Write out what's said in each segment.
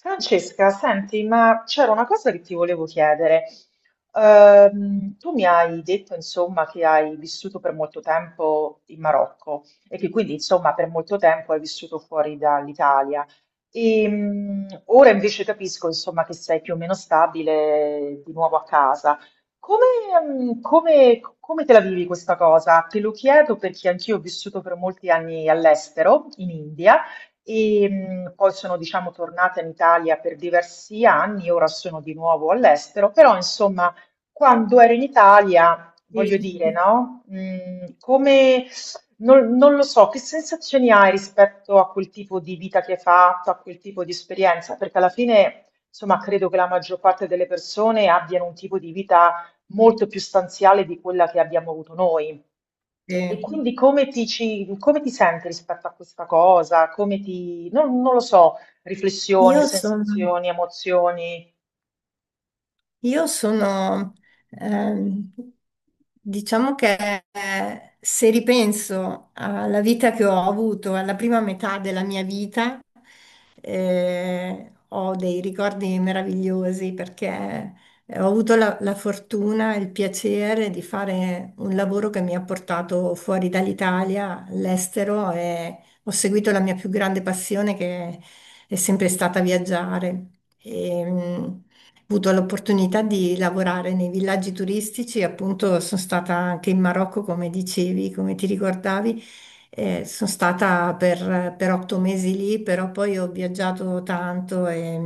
Francesca, senti, ma c'era una cosa che ti volevo chiedere. Tu mi hai detto, insomma, che hai vissuto per molto tempo in Marocco e che quindi, insomma, per molto tempo hai vissuto fuori dall'Italia. E ora invece capisco, insomma, che sei più o meno stabile di nuovo a casa. Come, Come te la vivi questa cosa? Te lo chiedo perché anch'io ho vissuto per molti anni all'estero, in India e poi sono diciamo tornata in Italia per diversi anni, ora sono di nuovo all'estero, però insomma quando ero in Italia, voglio dire, Sì. no? Non, non lo so, che sensazioni hai rispetto a quel tipo di vita che hai fatto, a quel tipo di esperienza? Perché alla fine, insomma, credo che la maggior parte delle persone abbiano un tipo di vita molto più stanziale di quella che abbiamo avuto noi. E Sì. quindi come come ti senti rispetto a questa cosa? Come ti, non, non lo so, riflessioni, Io sono, sensazioni, emozioni? Io sono, ehm, diciamo che se ripenso alla vita che ho avuto, alla prima metà della mia vita, ho dei ricordi meravigliosi perché ho avuto la fortuna e il piacere di fare un lavoro che mi ha portato fuori dall'Italia, all'estero e ho seguito la mia più grande passione che è sempre stata viaggiare. E, avuto l'opportunità di lavorare nei villaggi turistici, appunto sono stata anche in Marocco, come dicevi, come ti ricordavi. Sono stata per 8 mesi lì, però poi ho viaggiato tanto e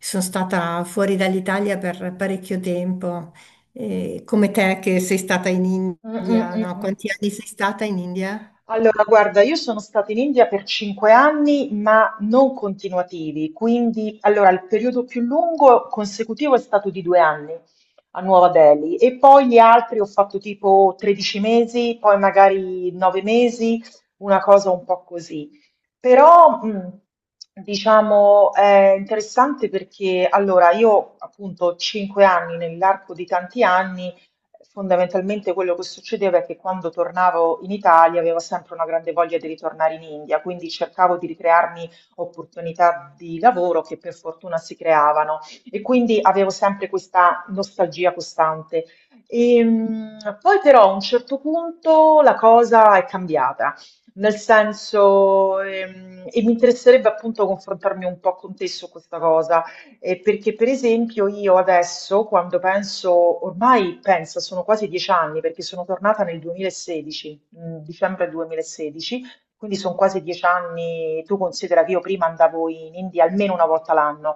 sono stata fuori dall'Italia per parecchio tempo. Come te che sei stata in Mm, mm, India, mm, no? mm. Quanti anni sei stata in India? Allora, guarda, io sono stata in India per 5 anni, ma non continuativi, quindi allora, il periodo più lungo consecutivo è stato di 2 anni a Nuova Delhi e poi gli altri ho fatto tipo 13 mesi, poi magari 9 mesi, una cosa un po' così. Però, diciamo, è interessante perché allora, io appunto ho 5 anni nell'arco di tanti anni. Fondamentalmente quello che succedeva è che quando tornavo in Italia avevo sempre una grande voglia di ritornare in India, quindi cercavo di ricrearmi opportunità di lavoro che per fortuna si creavano e quindi avevo sempre questa nostalgia costante. Poi però a un certo punto la cosa è cambiata, nel senso, e mi interesserebbe appunto confrontarmi un po' con te su questa cosa. Perché per esempio io adesso, quando penso, ormai penso, sono quasi 10 anni, perché sono tornata nel 2016, dicembre 2016, quindi sono quasi 10 anni, tu considera che io prima andavo in India almeno una volta l'anno,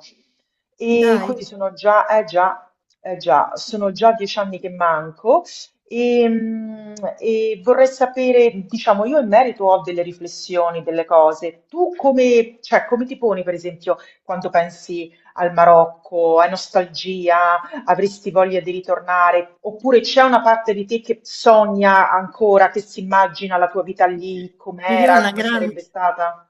e Dai, quindi sono già, sono già 10 anni che manco e, mm, e vorrei sapere, diciamo, io in merito ho delle riflessioni, delle cose. Tu come, cioè, come ti poni, per esempio, quando pensi al Marocco? Hai nostalgia? Avresti voglia di ritornare? Oppure c'è una parte di te che sogna ancora, che si immagina la tua vita lì, io com'era, una come grande. sarebbe stata?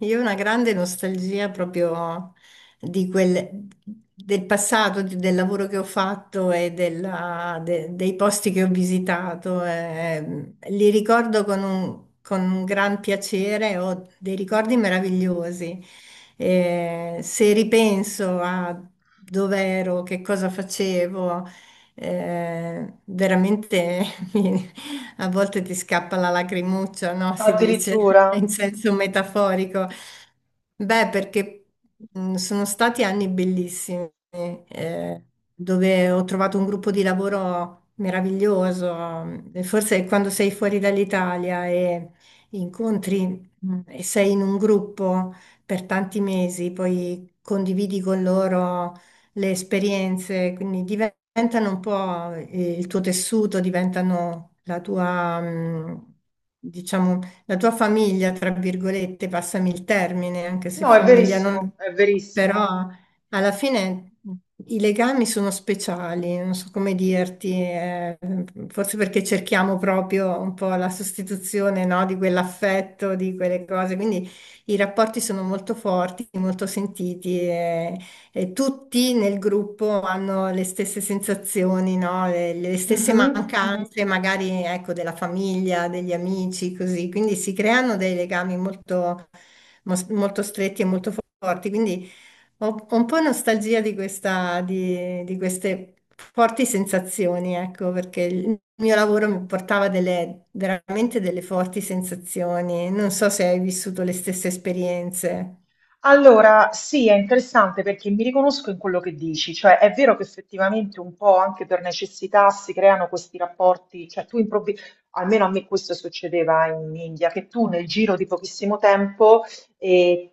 Io ho una grande nostalgia proprio di quel, del passato, del lavoro che ho fatto e dei posti che ho visitato. Eh, li ricordo con con un gran piacere, ho dei ricordi meravigliosi. Se ripenso a dove ero, che cosa facevo, veramente mi- a volte ti scappa la lacrimuccia, no? Si dice Addirittura? in senso metaforico. Beh, perché sono stati anni bellissimi, dove ho trovato un gruppo di lavoro meraviglioso. E forse quando sei fuori dall'Italia e incontri e sei in un gruppo per tanti mesi, poi condividi con loro le esperienze, quindi diventano un po' il tuo tessuto, diventano la tua, diciamo, la tua famiglia, tra virgolette, passami il termine, anche se No, è famiglia non... verissimo, è verissimo. Però alla fine i legami sono speciali, non so come dirti, forse perché cerchiamo proprio un po' la sostituzione, no, di quell'affetto, di quelle cose, quindi i rapporti sono molto forti, molto sentiti e tutti nel gruppo hanno le stesse sensazioni, no? Le stesse Mhm, mhm. mancanze, magari ecco, della famiglia, degli amici, così. Quindi si creano dei legami molto, molto stretti e molto forti. Quindi ho un po' nostalgia di questa, di queste forti sensazioni, ecco, perché il mio lavoro mi portava delle, veramente delle forti sensazioni. Non so se hai vissuto le stesse esperienze. Allora, sì, è interessante perché mi riconosco in quello che dici, cioè è vero che effettivamente un po' anche per necessità si creano questi rapporti, cioè tu improvvisi, almeno a me questo succedeva in India, che tu nel giro di pochissimo tempo eh,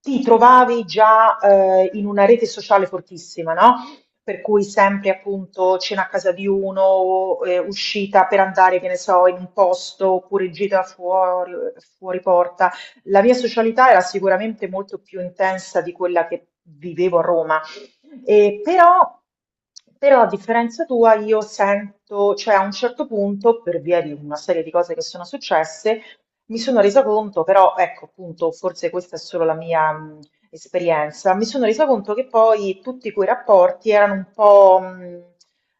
ti trovavi già in una rete sociale fortissima, no? Per cui sempre appunto cena a casa di uno, uscita per andare, che ne so, in un posto oppure gita fuori, fuori porta. La mia socialità era sicuramente molto più intensa di quella che vivevo a Roma. E però, Però, a differenza tua, io sento, cioè a un certo punto, per via di una serie di cose che sono successe, mi sono resa conto, però, ecco, appunto, forse questa è solo la mia esperienza, mi sono resa conto che poi tutti quei rapporti erano un po' mh,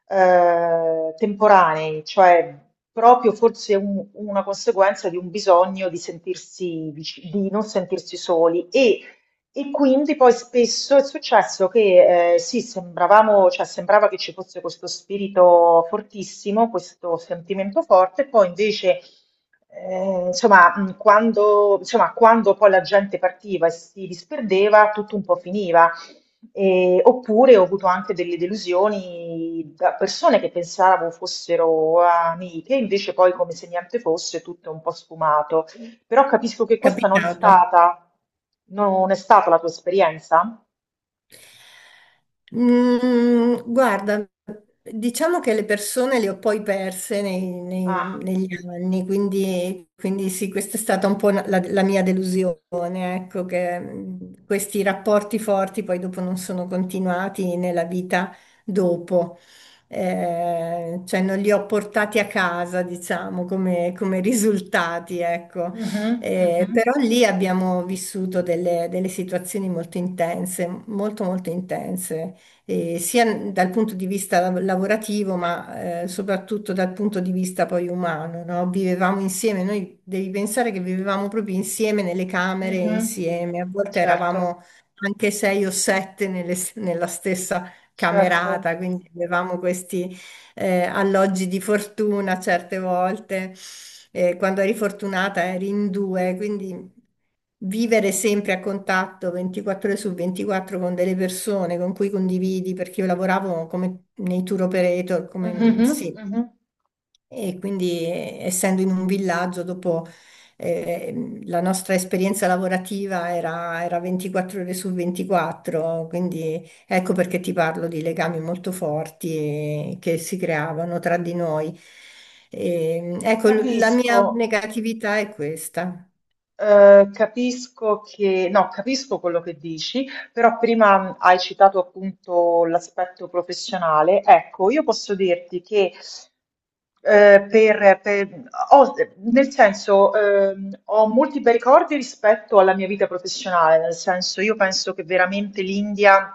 eh, temporanei, cioè proprio forse una conseguenza di un bisogno di sentirsi di non sentirsi soli e quindi poi spesso è successo che sì, sembravamo, cioè sembrava che ci fosse questo spirito fortissimo, questo sentimento forte, poi invece, insomma, quando poi la gente partiva e si disperdeva, tutto un po' finiva. Oppure ho avuto anche delle delusioni da persone che pensavo fossero amiche, invece poi come se niente fosse, tutto è un po' sfumato. Però capisco che questa non è Capitato? stata, non è stata la tua esperienza. Mm, guarda, diciamo che le persone le ho poi perse Ah, negli anni, quindi, quindi sì, questa è stata un po' la mia delusione, ecco, che questi rapporti forti poi dopo non sono continuati nella vita dopo. Cioè non li ho portati a casa, diciamo, come, come risultati, ecco. mhm, mhm, Però lì abbiamo vissuto delle, delle situazioni molto intense, molto intense, sia dal punto di vista lavorativo, ma soprattutto dal punto di vista poi umano, no? Vivevamo insieme, noi devi pensare che vivevamo proprio insieme nelle camere, mhm. insieme, a volte Certo, eravamo anche sei o sette nella stessa certo. camerata, quindi avevamo questi alloggi di fortuna certe volte, quando eri fortunata eri in due, quindi vivere sempre a contatto 24 ore su 24 con delle persone con cui condividi, perché io lavoravo come nei tour operator, come, Mhm, sì, mhm. e quindi, essendo in un villaggio, dopo la nostra esperienza lavorativa era 24 ore su 24, quindi ecco perché ti parlo di legami molto forti che si creavano tra di noi. E, ecco, la mia Capisco. negatività è questa. Capisco che no, capisco quello che dici, però prima hai citato appunto l'aspetto professionale. Ecco, io posso dirti che eh, per, per- ho- nel senso, ho molti bei ricordi rispetto alla mia vita professionale, nel senso, io penso che veramente l'India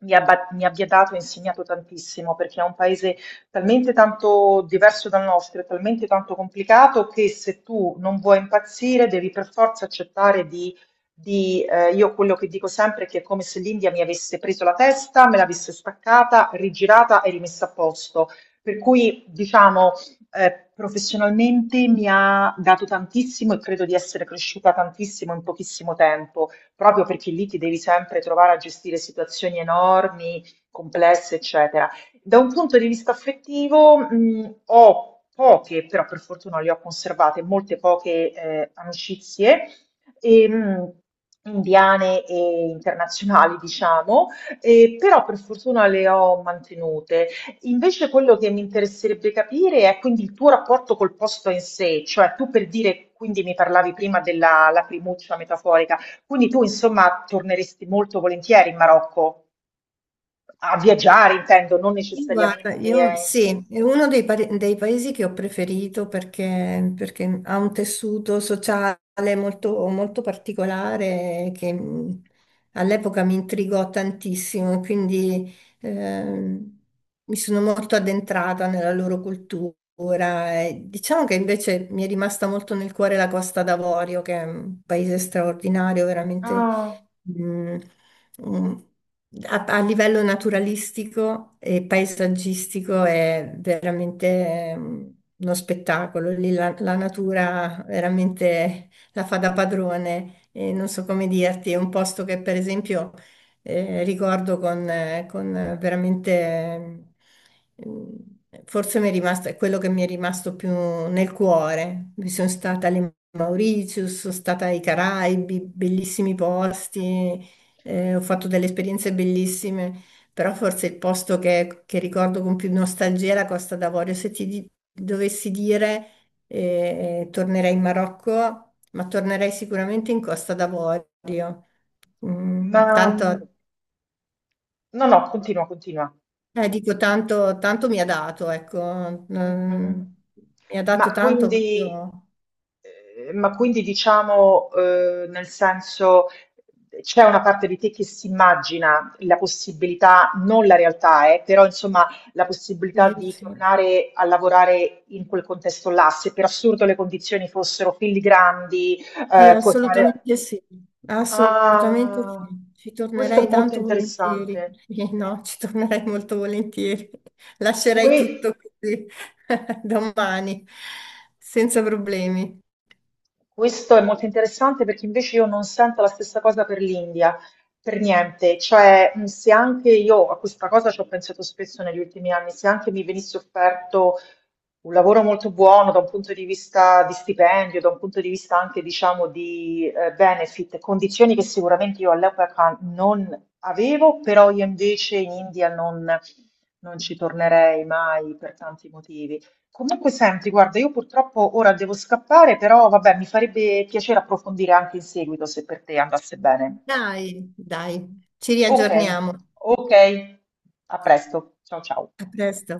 mi abbia dato e insegnato tantissimo, perché è un paese talmente tanto diverso dal nostro, è talmente tanto complicato che se tu non vuoi impazzire devi per forza accettare di io quello che dico sempre è che è come se l'India mi avesse preso la testa, me l'avesse staccata, rigirata e rimessa a posto. Per cui, diciamo, professionalmente mi ha dato tantissimo e credo di essere cresciuta tantissimo in pochissimo tempo, proprio perché lì ti devi sempre trovare a gestire situazioni enormi, complesse, eccetera. Da un punto di vista affettivo, ho poche, però per fortuna le ho conservate, molte poche amicizie, e, mh, indiane e internazionali, diciamo, e però per fortuna le ho mantenute. Invece quello che mi interesserebbe capire è quindi il tuo rapporto col posto in sé, cioè tu per dire, quindi mi parlavi prima della lacrimuccia metaforica, quindi tu insomma torneresti molto volentieri in Marocco. A viaggiare intendo, non Sì, guarda, necessariamente. io Eh. sì, è uno dei, dei paesi che ho preferito perché, perché ha un tessuto sociale molto, molto particolare che all'epoca mi intrigò tantissimo, quindi mi sono molto addentrata nella loro cultura. E diciamo che invece mi è rimasta molto nel cuore la Costa d'Avorio, che è un paese straordinario, veramente. Ah, Mm, mm, a livello naturalistico e paesaggistico è veramente uno spettacolo. Lì la natura veramente la fa da padrone e non so come dirti, è un posto che per esempio ricordo con veramente Ehm, forse mi è rimasto, è quello che mi è rimasto più nel cuore. Mi sono stata alle Mauritius, sono stata ai Caraibi, bellissimi posti, ho fatto delle esperienze bellissime, però forse il posto che ricordo con più nostalgia è la Costa d'Avorio. Se ti dovessi dire, tornerei in Marocco, ma tornerei sicuramente in Costa d'Avorio. ma Mm, mm, tanto no, no, continua, continua. Dico, tanto mi ha dato, ecco, mm, Mhm. mi ha dato Ma tanto quindi, proprio. Ma quindi diciamo, nel senso, c'è una parte di te che si immagina la possibilità, non la realtà, però insomma, la possibilità Io di sì, tornare a lavorare in quel contesto là, se per assurdo le condizioni fossero filigrandi, sì, puoi fare. assolutamente sì, assolutamente Ah, sì. Ci questo tornerei è molto tanto volentieri. interessante. Sì, no, ci tornerei molto volentieri. Lascerei Que- tutto così domani, senza problemi. Questo è molto interessante perché invece io non sento la stessa cosa per l'India, per niente. Cioè, se anche io a questa cosa ci ho pensato spesso negli ultimi anni, se anche mi venisse offerto un lavoro molto buono da un punto di vista di stipendio, da un punto di vista anche, diciamo, di benefit, condizioni che sicuramente io all'epoca non avevo, però io invece in India non non ci tornerei mai per tanti motivi. Comunque, senti, guarda, io purtroppo ora devo scappare, però vabbè, mi farebbe piacere approfondire anche in seguito se per te andasse bene. Dai, dai, ci Ok, riaggiorniamo. ok, a presto. Ciao ciao. A presto.